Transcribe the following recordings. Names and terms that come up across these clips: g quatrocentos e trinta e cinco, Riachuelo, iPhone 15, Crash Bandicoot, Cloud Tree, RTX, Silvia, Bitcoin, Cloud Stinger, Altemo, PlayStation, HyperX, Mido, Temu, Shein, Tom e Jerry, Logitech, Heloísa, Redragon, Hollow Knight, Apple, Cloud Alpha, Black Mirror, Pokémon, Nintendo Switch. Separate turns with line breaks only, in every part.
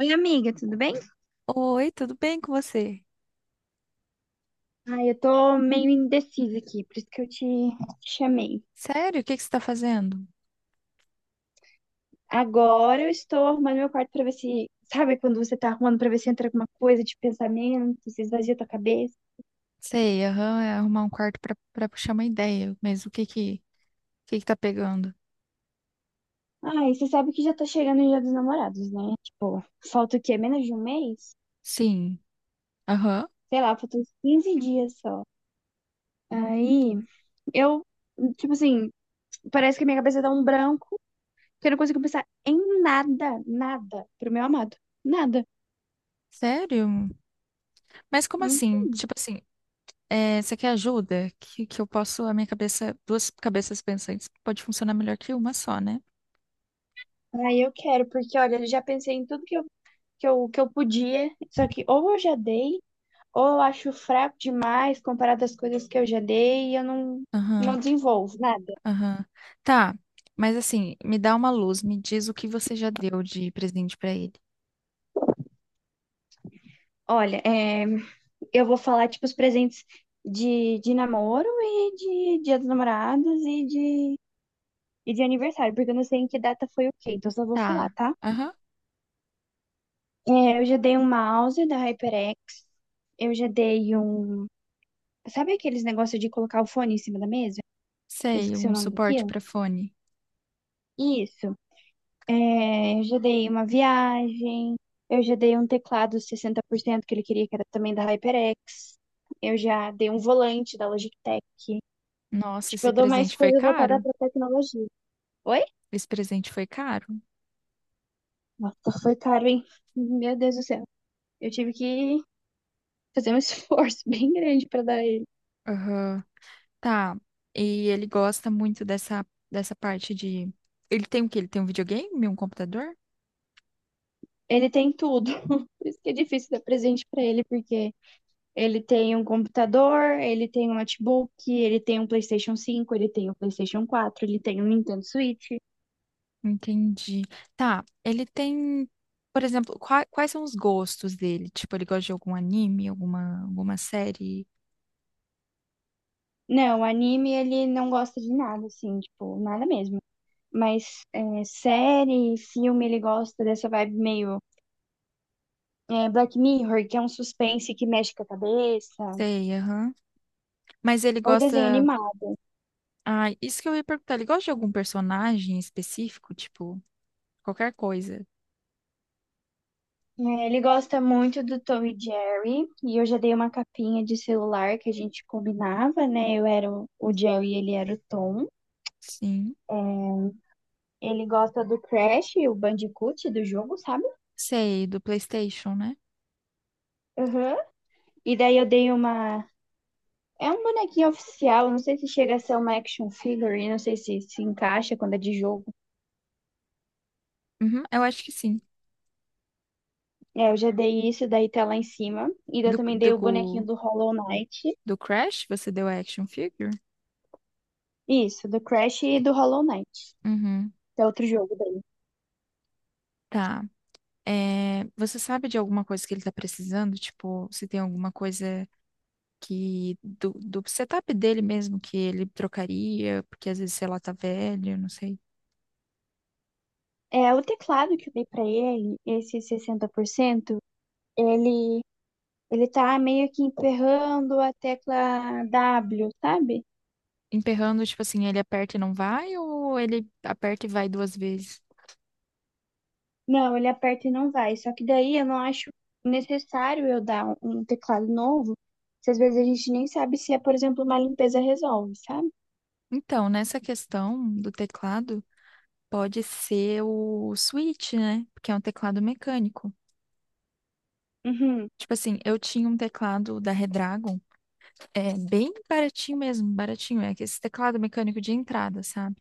Oi, amiga, tudo bem?
Oi, tudo bem com você?
Ai, eu tô meio indecisa aqui, por isso que eu te chamei.
Sério, o que que você está fazendo?
Agora eu estou arrumando meu quarto pra ver se, sabe quando você tá arrumando pra ver se entra alguma coisa de pensamento, se esvazia tua cabeça.
Sei, aham, é arrumar um quarto para puxar uma ideia, mas o que que tá pegando?
Ai, você sabe que já tá chegando o Dia dos Namorados, né? Tipo, falta o quê? Menos de um mês?
Sim, aham,
Sei lá, faltam uns 15 dias só. Aí, eu, tipo assim, parece que a minha cabeça dá um branco, que eu não consigo pensar em nada, nada pro meu amado. Nada.
sério? Mas como assim? Tipo assim, é, você quer ajuda? Que eu posso, a minha cabeça, duas cabeças pensantes pode funcionar melhor que uma só, né?
Ah, eu quero, porque olha, eu já pensei em tudo que eu podia, só que ou eu já dei, ou eu acho fraco demais comparado às coisas que eu já dei e eu não, não
Aham,
desenvolvo nada.
aham. Tá, mas assim, me dá uma luz, me diz o que você já deu de presente para ele.
Olha, é, eu vou falar, tipo, os presentes de namoro e de Dia dos Namorados e de aniversário, porque eu não sei em que data foi o quê, então só vou falar,
Tá,
tá?
aham,
É, eu já dei um mouse da HyperX, eu já dei um... Sabe aqueles negócios de colocar o fone em cima da mesa? Eu
sei,
esqueci o
um
nome
suporte
daquilo.
para fone.
Isso. É, eu já dei uma viagem, eu já dei um teclado 60% que ele queria, que era também da HyperX. Eu já dei um volante da Logitech.
Nossa,
Tipo,
esse
eu dou mais
presente foi
coisa voltada
caro?
para tecnologia. Oi?
Esse presente foi caro?
Nossa, foi caro, hein? Meu Deus do céu. Eu tive que fazer um esforço bem grande para dar ele.
Aham. Tá. E ele gosta muito dessa parte de. Ele tem o quê? Ele tem um videogame, um computador?
Ele tem tudo. Por isso que é difícil dar presente para ele, porque ele tem um computador, ele tem um notebook, ele tem um PlayStation cinco, ele tem um PlayStation quatro, ele tem um Nintendo Switch.
Entendi. Tá. Ele tem, por exemplo, quais são os gostos dele? Tipo, ele gosta de algum anime, alguma série?
Não, anime ele não gosta de nada, assim, tipo, nada mesmo. Mas é, série, filme, ele gosta dessa vibe meio é, Black Mirror, que é um suspense que mexe com a cabeça,
Sei, aham. Mas ele
ou desenho
gosta.
animado.
Ah, isso que eu ia perguntar. Ele gosta de algum personagem específico? Tipo, qualquer coisa?
É, ele gosta muito do Tom e Jerry, e eu já dei uma capinha de celular que a gente combinava, né? Eu era o Jerry e ele era o Tom.
Sim.
Ele gosta do Crash, o Bandicoot do jogo, sabe?
Sei, do PlayStation, né?
Aham. E daí eu dei uma é um bonequinho oficial, não sei se chega a ser uma action figure, não sei se encaixa quando é de jogo.
Uhum, eu acho que sim.
É, eu já dei isso, daí tá lá em cima. E daí eu
Do,
também dei o bonequinho
do,
do Hollow Knight.
do Crash, você deu action figure?
Isso, do Crash e do Hollow Knight,
Uhum.
que é outro jogo dele.
Tá. É, você sabe de alguma coisa que ele tá precisando? Tipo, se tem alguma coisa que do setup dele mesmo que ele trocaria, porque às vezes, sei lá, tá velho, não sei.
É, o teclado que eu dei pra ele, esse 60%, ele, ele tá meio que emperrando a tecla W, sabe?
Emperrando, tipo assim, ele aperta e não vai, ou ele aperta e vai duas vezes?
Não, ele aperta e não vai. Só que daí eu não acho necessário eu dar um teclado novo, se às vezes a gente nem sabe se é, por exemplo, uma limpeza resolve, sabe?
Então, nessa questão do teclado, pode ser o Switch, né? Porque é um teclado mecânico.
Uhum.
Tipo assim, eu tinha um teclado da Redragon. É bem baratinho mesmo, baratinho. É esse teclado mecânico de entrada, sabe?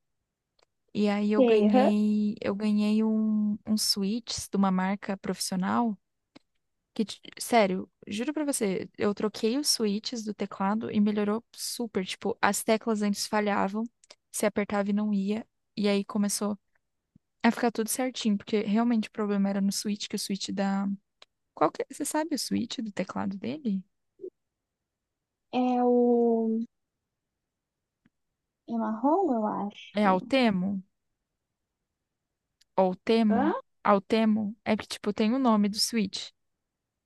E aí eu
Sei, aham.
ganhei, eu ganhei um switch de uma marca profissional que, sério, juro pra você, eu troquei os switches do teclado e melhorou super. Tipo, as teclas antes falhavam, se apertava e não ia. E aí começou a ficar tudo certinho, porque realmente o problema era no switch, que o switch da. Qual que é? Você sabe o switch do teclado dele?
É o. É marrom, eu
É
acho.
Altemo? Ou
Hã?
Temu, Altemo, é que, tipo, tem o nome do Switch,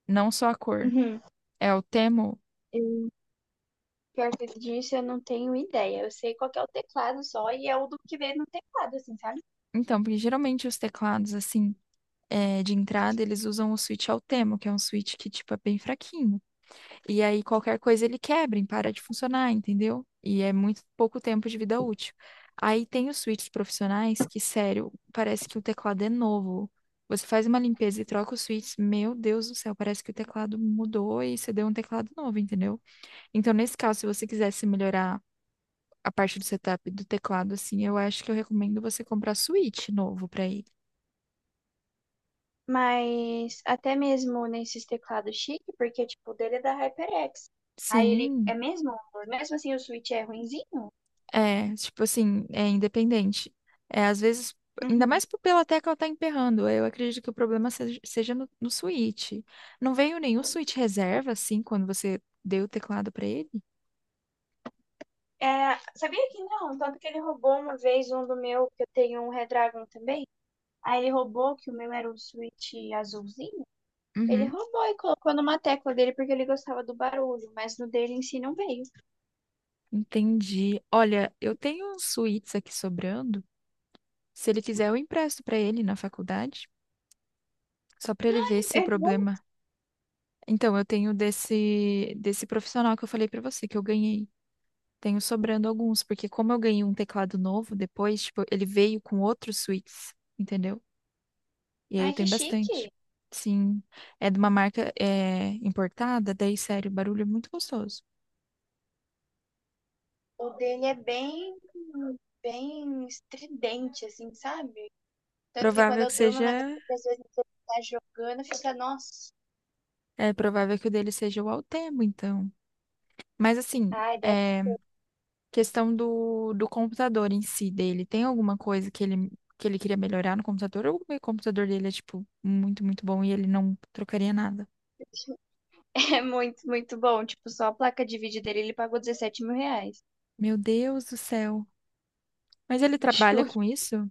não só a cor.
Uhum.
É Altemo.
Eu, pior que disso, eu não tenho ideia. Eu sei qual que é o teclado só e é o do que vem no teclado, assim, sabe?
Então, porque geralmente os teclados, assim, é, de entrada, eles usam o Switch Altemo, que é um Switch que, tipo, é bem fraquinho. E aí qualquer coisa ele quebra, e para de funcionar, entendeu? E é muito pouco tempo de vida útil. Aí tem os switches profissionais que, sério, parece que o teclado é novo. Você faz uma limpeza e troca os switches, meu Deus do céu, parece que o teclado mudou e você deu um teclado novo, entendeu? Então, nesse caso, se você quisesse melhorar a parte do setup do teclado, assim, eu acho que eu recomendo você comprar Switch novo pra ele.
Mas até mesmo nesses teclados chique, porque, tipo, o dele é da HyperX. Aí ele
Sim,
é mesmo, mesmo assim o Switch é ruinzinho.
é, tipo assim, é independente. É, às vezes, ainda
Uhum.
mais pela tecla tá emperrando, eu acredito que o problema seja no Switch. Não veio nenhum Switch reserva, assim, quando você deu o teclado pra ele?
É, sabia que não? Tanto que ele roubou uma vez um do meu, que eu tenho um Redragon também. Aí ele roubou, que o meu era um Switch azulzinho. Ele
Uhum,
roubou e colocou numa tecla dele porque ele gostava do barulho, mas no dele em si não veio.
entendi. Olha, eu tenho uns Switches aqui sobrando. Se ele quiser, eu empresto pra ele na faculdade, só pra ele ver se o
É bom.
problema. Então, eu tenho desse profissional que eu falei pra você, que eu ganhei. Tenho sobrando alguns, porque como eu ganhei um teclado novo depois, tipo, ele veio com outros suítes, entendeu? E aí eu
Ai, que
tenho bastante.
chique!
Sim, é de uma marca é, importada, daí, sério, o barulho é muito gostoso.
O dele é bem, bem estridente, assim, sabe? Tanto que quando
Provável
eu
que
durmo
seja,
na casa às vezes você tá jogando, fica, nossa.
é provável que o dele seja o Altemo, então. Mas assim,
Ai, deve...
é, questão do computador em si dele, tem alguma coisa que ele, queria melhorar no computador? Ou o computador dele é, tipo, muito, muito bom e ele não trocaria nada?
é muito, muito bom. Tipo, só a placa de vídeo dele, ele pagou 17 mil reais.
Meu Deus do céu. Mas ele trabalha com isso?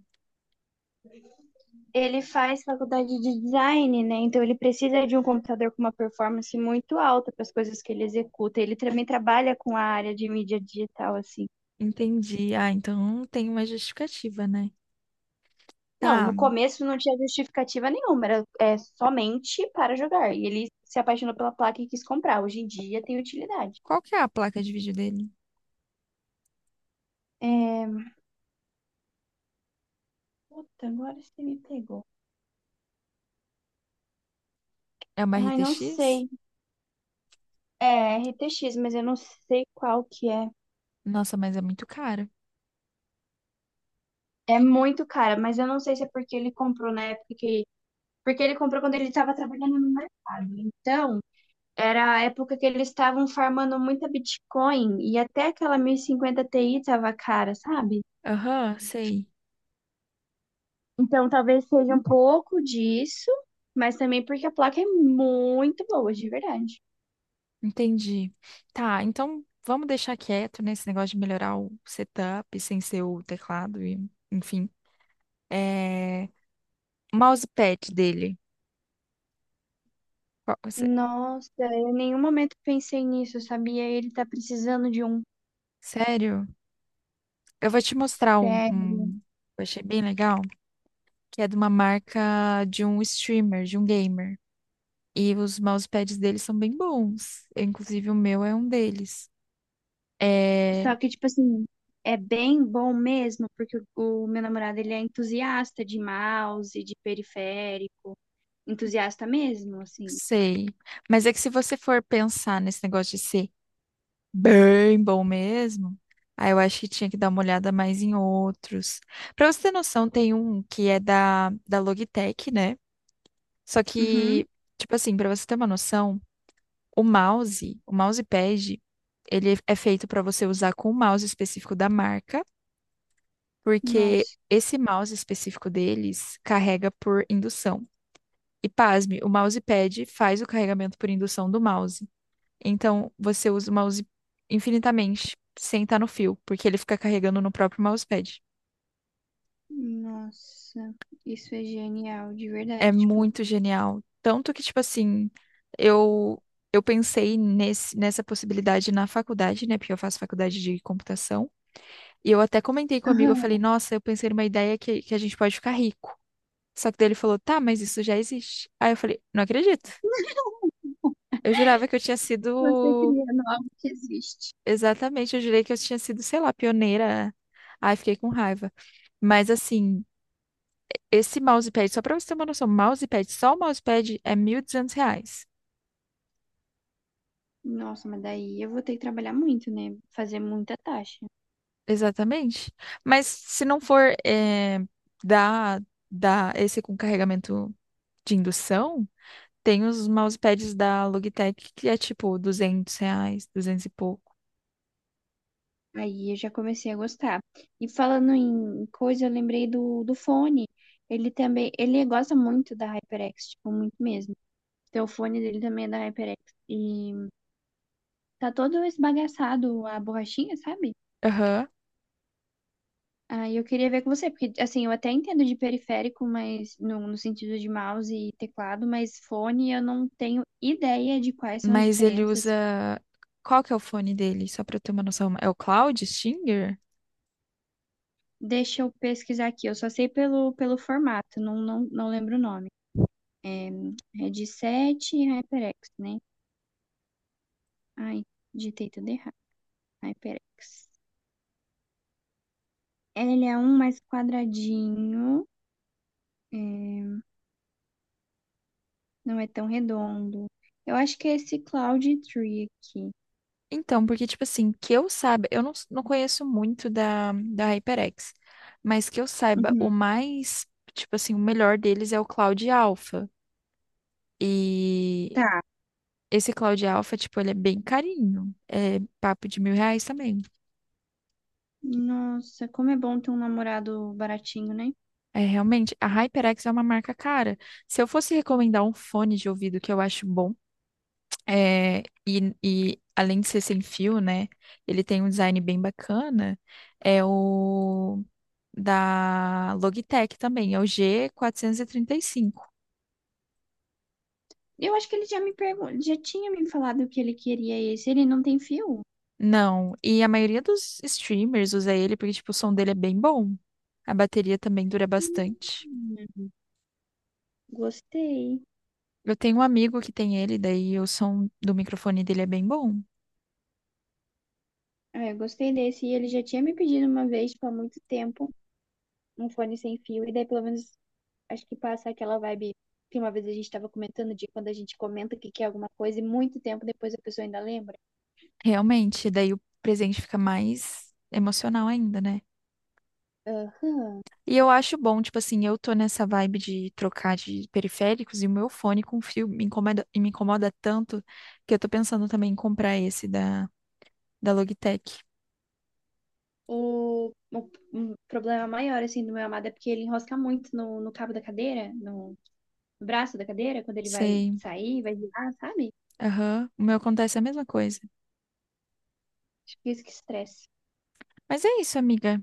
Ele faz faculdade de design, né? Então ele precisa de um computador com uma performance muito alta para as coisas que ele executa. Ele também trabalha com a área de mídia digital, assim.
Entendi. Ah, então tem uma justificativa, né?
Não,
Tá.
no começo não tinha justificativa nenhuma, era é, somente para jogar. E ele se apaixonou pela placa e quis comprar. Hoje em dia tem utilidade.
Qual que é a placa de vídeo dele?
É... Puta, agora você me pegou.
É uma
Ai, não
RTX?
sei. É RTX, mas eu não sei qual que é.
Nossa, mas é muito cara.
É muito cara, mas eu não sei se é porque ele comprou na época que porque ele comprou quando ele estava trabalhando no mercado. Então, era a época que eles estavam farmando muita Bitcoin e até aquela 1050 Ti estava cara, sabe?
Aham, sei.
Então, talvez seja um pouco disso, mas também porque a placa é muito boa, de verdade.
Entendi. Tá, então vamos deixar quieto nesse negócio de melhorar o setup sem ser o teclado e, enfim. É, o mousepad dele. Qual- sé-
Nossa, eu em nenhum momento pensei nisso, sabia? Ele tá precisando de um
Sério? Eu vou te mostrar um,
pé.
um que eu achei bem legal, que é de uma marca de um streamer, de um gamer. E os mousepads deles são bem bons. Eu, inclusive, o meu é um deles. É,
Só que, tipo assim, é bem bom mesmo, porque o meu namorado, ele é entusiasta de mouse, de periférico. Entusiasta mesmo, assim.
sei. Mas é que se você for pensar nesse negócio de ser bem bom mesmo, aí eu acho que tinha que dar uma olhada mais em outros. Pra você ter noção, tem um que é da Logitech, né? Só que,
Uhum.
tipo assim, pra você ter uma noção, o mouse, o mousepad, ele é feito pra você usar com o mouse específico da marca, porque
Nossa,
esse mouse específico deles carrega por indução. E pasme, o mousepad faz o carregamento por indução do mouse. Então, você usa o mouse infinitamente, sem estar no fio, porque ele fica carregando no próprio mousepad.
nossa, isso é genial, de
É
verdade, tipo.
muito genial. Tanto que, tipo assim, eu eu pensei nessa possibilidade na faculdade, né? Porque eu faço faculdade de computação. E eu até comentei com um amigo, eu
Aham.
falei, nossa, eu pensei numa ideia que a gente pode ficar rico. Só que daí ele falou, tá, mas isso já existe. Aí eu falei, não acredito. Eu jurava que eu tinha
Você
sido.
cria algo que existe.
Exatamente, eu jurei que eu tinha sido, sei lá, pioneira. Ai, fiquei com raiva. Mas assim, esse mousepad, só pra você ter uma noção, mousepad, só o mousepad é R$ 1.200.
Nossa, mas daí eu vou ter que trabalhar muito, né? Fazer muita taxa.
Exatamente. Mas se não for eh, da, da esse com carregamento de indução, tem os mousepads da Logitech que é tipo R$ 200, duzentos e pouco.
Aí eu já comecei a gostar. E falando em coisa, eu lembrei do fone. Ele também, ele gosta muito da HyperX, tipo, muito mesmo. Então o fone dele também é da HyperX. E tá todo esbagaçado a borrachinha, sabe?
Aham.
Ah, eu queria ver com você, porque assim, eu até entendo de periférico, mas no sentido de mouse e teclado, mas fone eu não tenho ideia de quais são as
Mas ele
diferenças.
usa. Qual que é o fone dele? Só pra eu ter uma noção. É o Cloud Stinger?
Deixa eu pesquisar aqui, eu só sei pelo formato, não lembro o nome. É, headset e HyperX, né? Ai, digitei tudo errado. HyperX. Ele é um mais quadradinho, é, não é tão redondo. Eu acho que é esse Cloud Tree aqui.
Então, porque, tipo assim, que eu saiba, eu não conheço muito da HyperX, mas que eu saiba, o
Uhum.
mais, tipo assim, o melhor deles é o Cloud Alpha. E
Tá.
esse Cloud Alpha, tipo, ele é bem carinho. É papo de R$ 1.000 também.
Nossa, como é bom ter um namorado baratinho, né?
É, realmente, a HyperX é uma marca cara. Se eu fosse recomendar um fone de ouvido que eu acho bom, é, e além de ser sem fio, né, ele tem um design bem bacana, é o. Da Logitech também, é o G435.
Eu acho que ele já me pergun- já tinha me falado que ele queria esse. Ele não tem fio?
Não, e a maioria dos streamers usa ele porque, tipo, o som dele é bem bom. A bateria também dura bastante.
Hum, Gostei.
Eu tenho um amigo que tem ele, daí o som do microfone dele é bem bom.
É, eu gostei desse. E ele já tinha me pedido uma vez, tipo, há muito tempo, um fone sem fio. E daí, pelo menos, acho que passa aquela vibe que uma vez a gente tava comentando de quando a gente comenta que quer alguma coisa e muito tempo depois a pessoa ainda lembra.
Realmente, daí o presente fica mais emocional ainda, né?
Ah,
E eu acho bom, tipo assim, eu tô nessa vibe de trocar de periféricos e o meu fone com fio me incomoda, e me incomoda tanto que eu tô pensando também em comprar esse da Logitech.
um problema maior, assim, do meu amado é porque ele enrosca muito no cabo da cadeira, no braço da cadeira, quando ele vai
Sei.
sair, vai virar, sabe?
Aham. O meu acontece a mesma coisa.
Acho que é isso que estresse.
Mas é isso, amiga.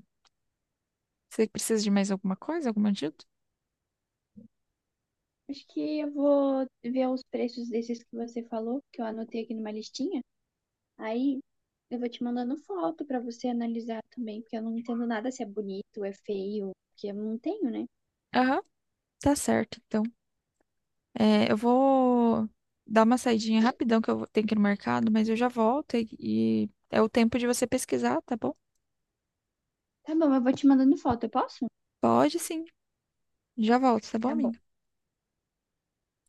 Você precisa de mais alguma coisa, alguma ajuda?
Acho que eu vou ver os preços desses que você falou, que eu anotei aqui numa listinha. Aí eu vou te mandando foto pra você analisar também, porque eu não entendo nada se é bonito, é feio, porque eu não tenho, né?
Aham. Tá certo, então. É, eu vou dar uma saidinha rapidão que tenho que ir no mercado, mas eu já volto e é o tempo de você pesquisar, tá bom?
Tá bom, eu vou te mandando foto, eu posso?
Pode sim. Já volto, tá bom,
Tá bom.
amiga?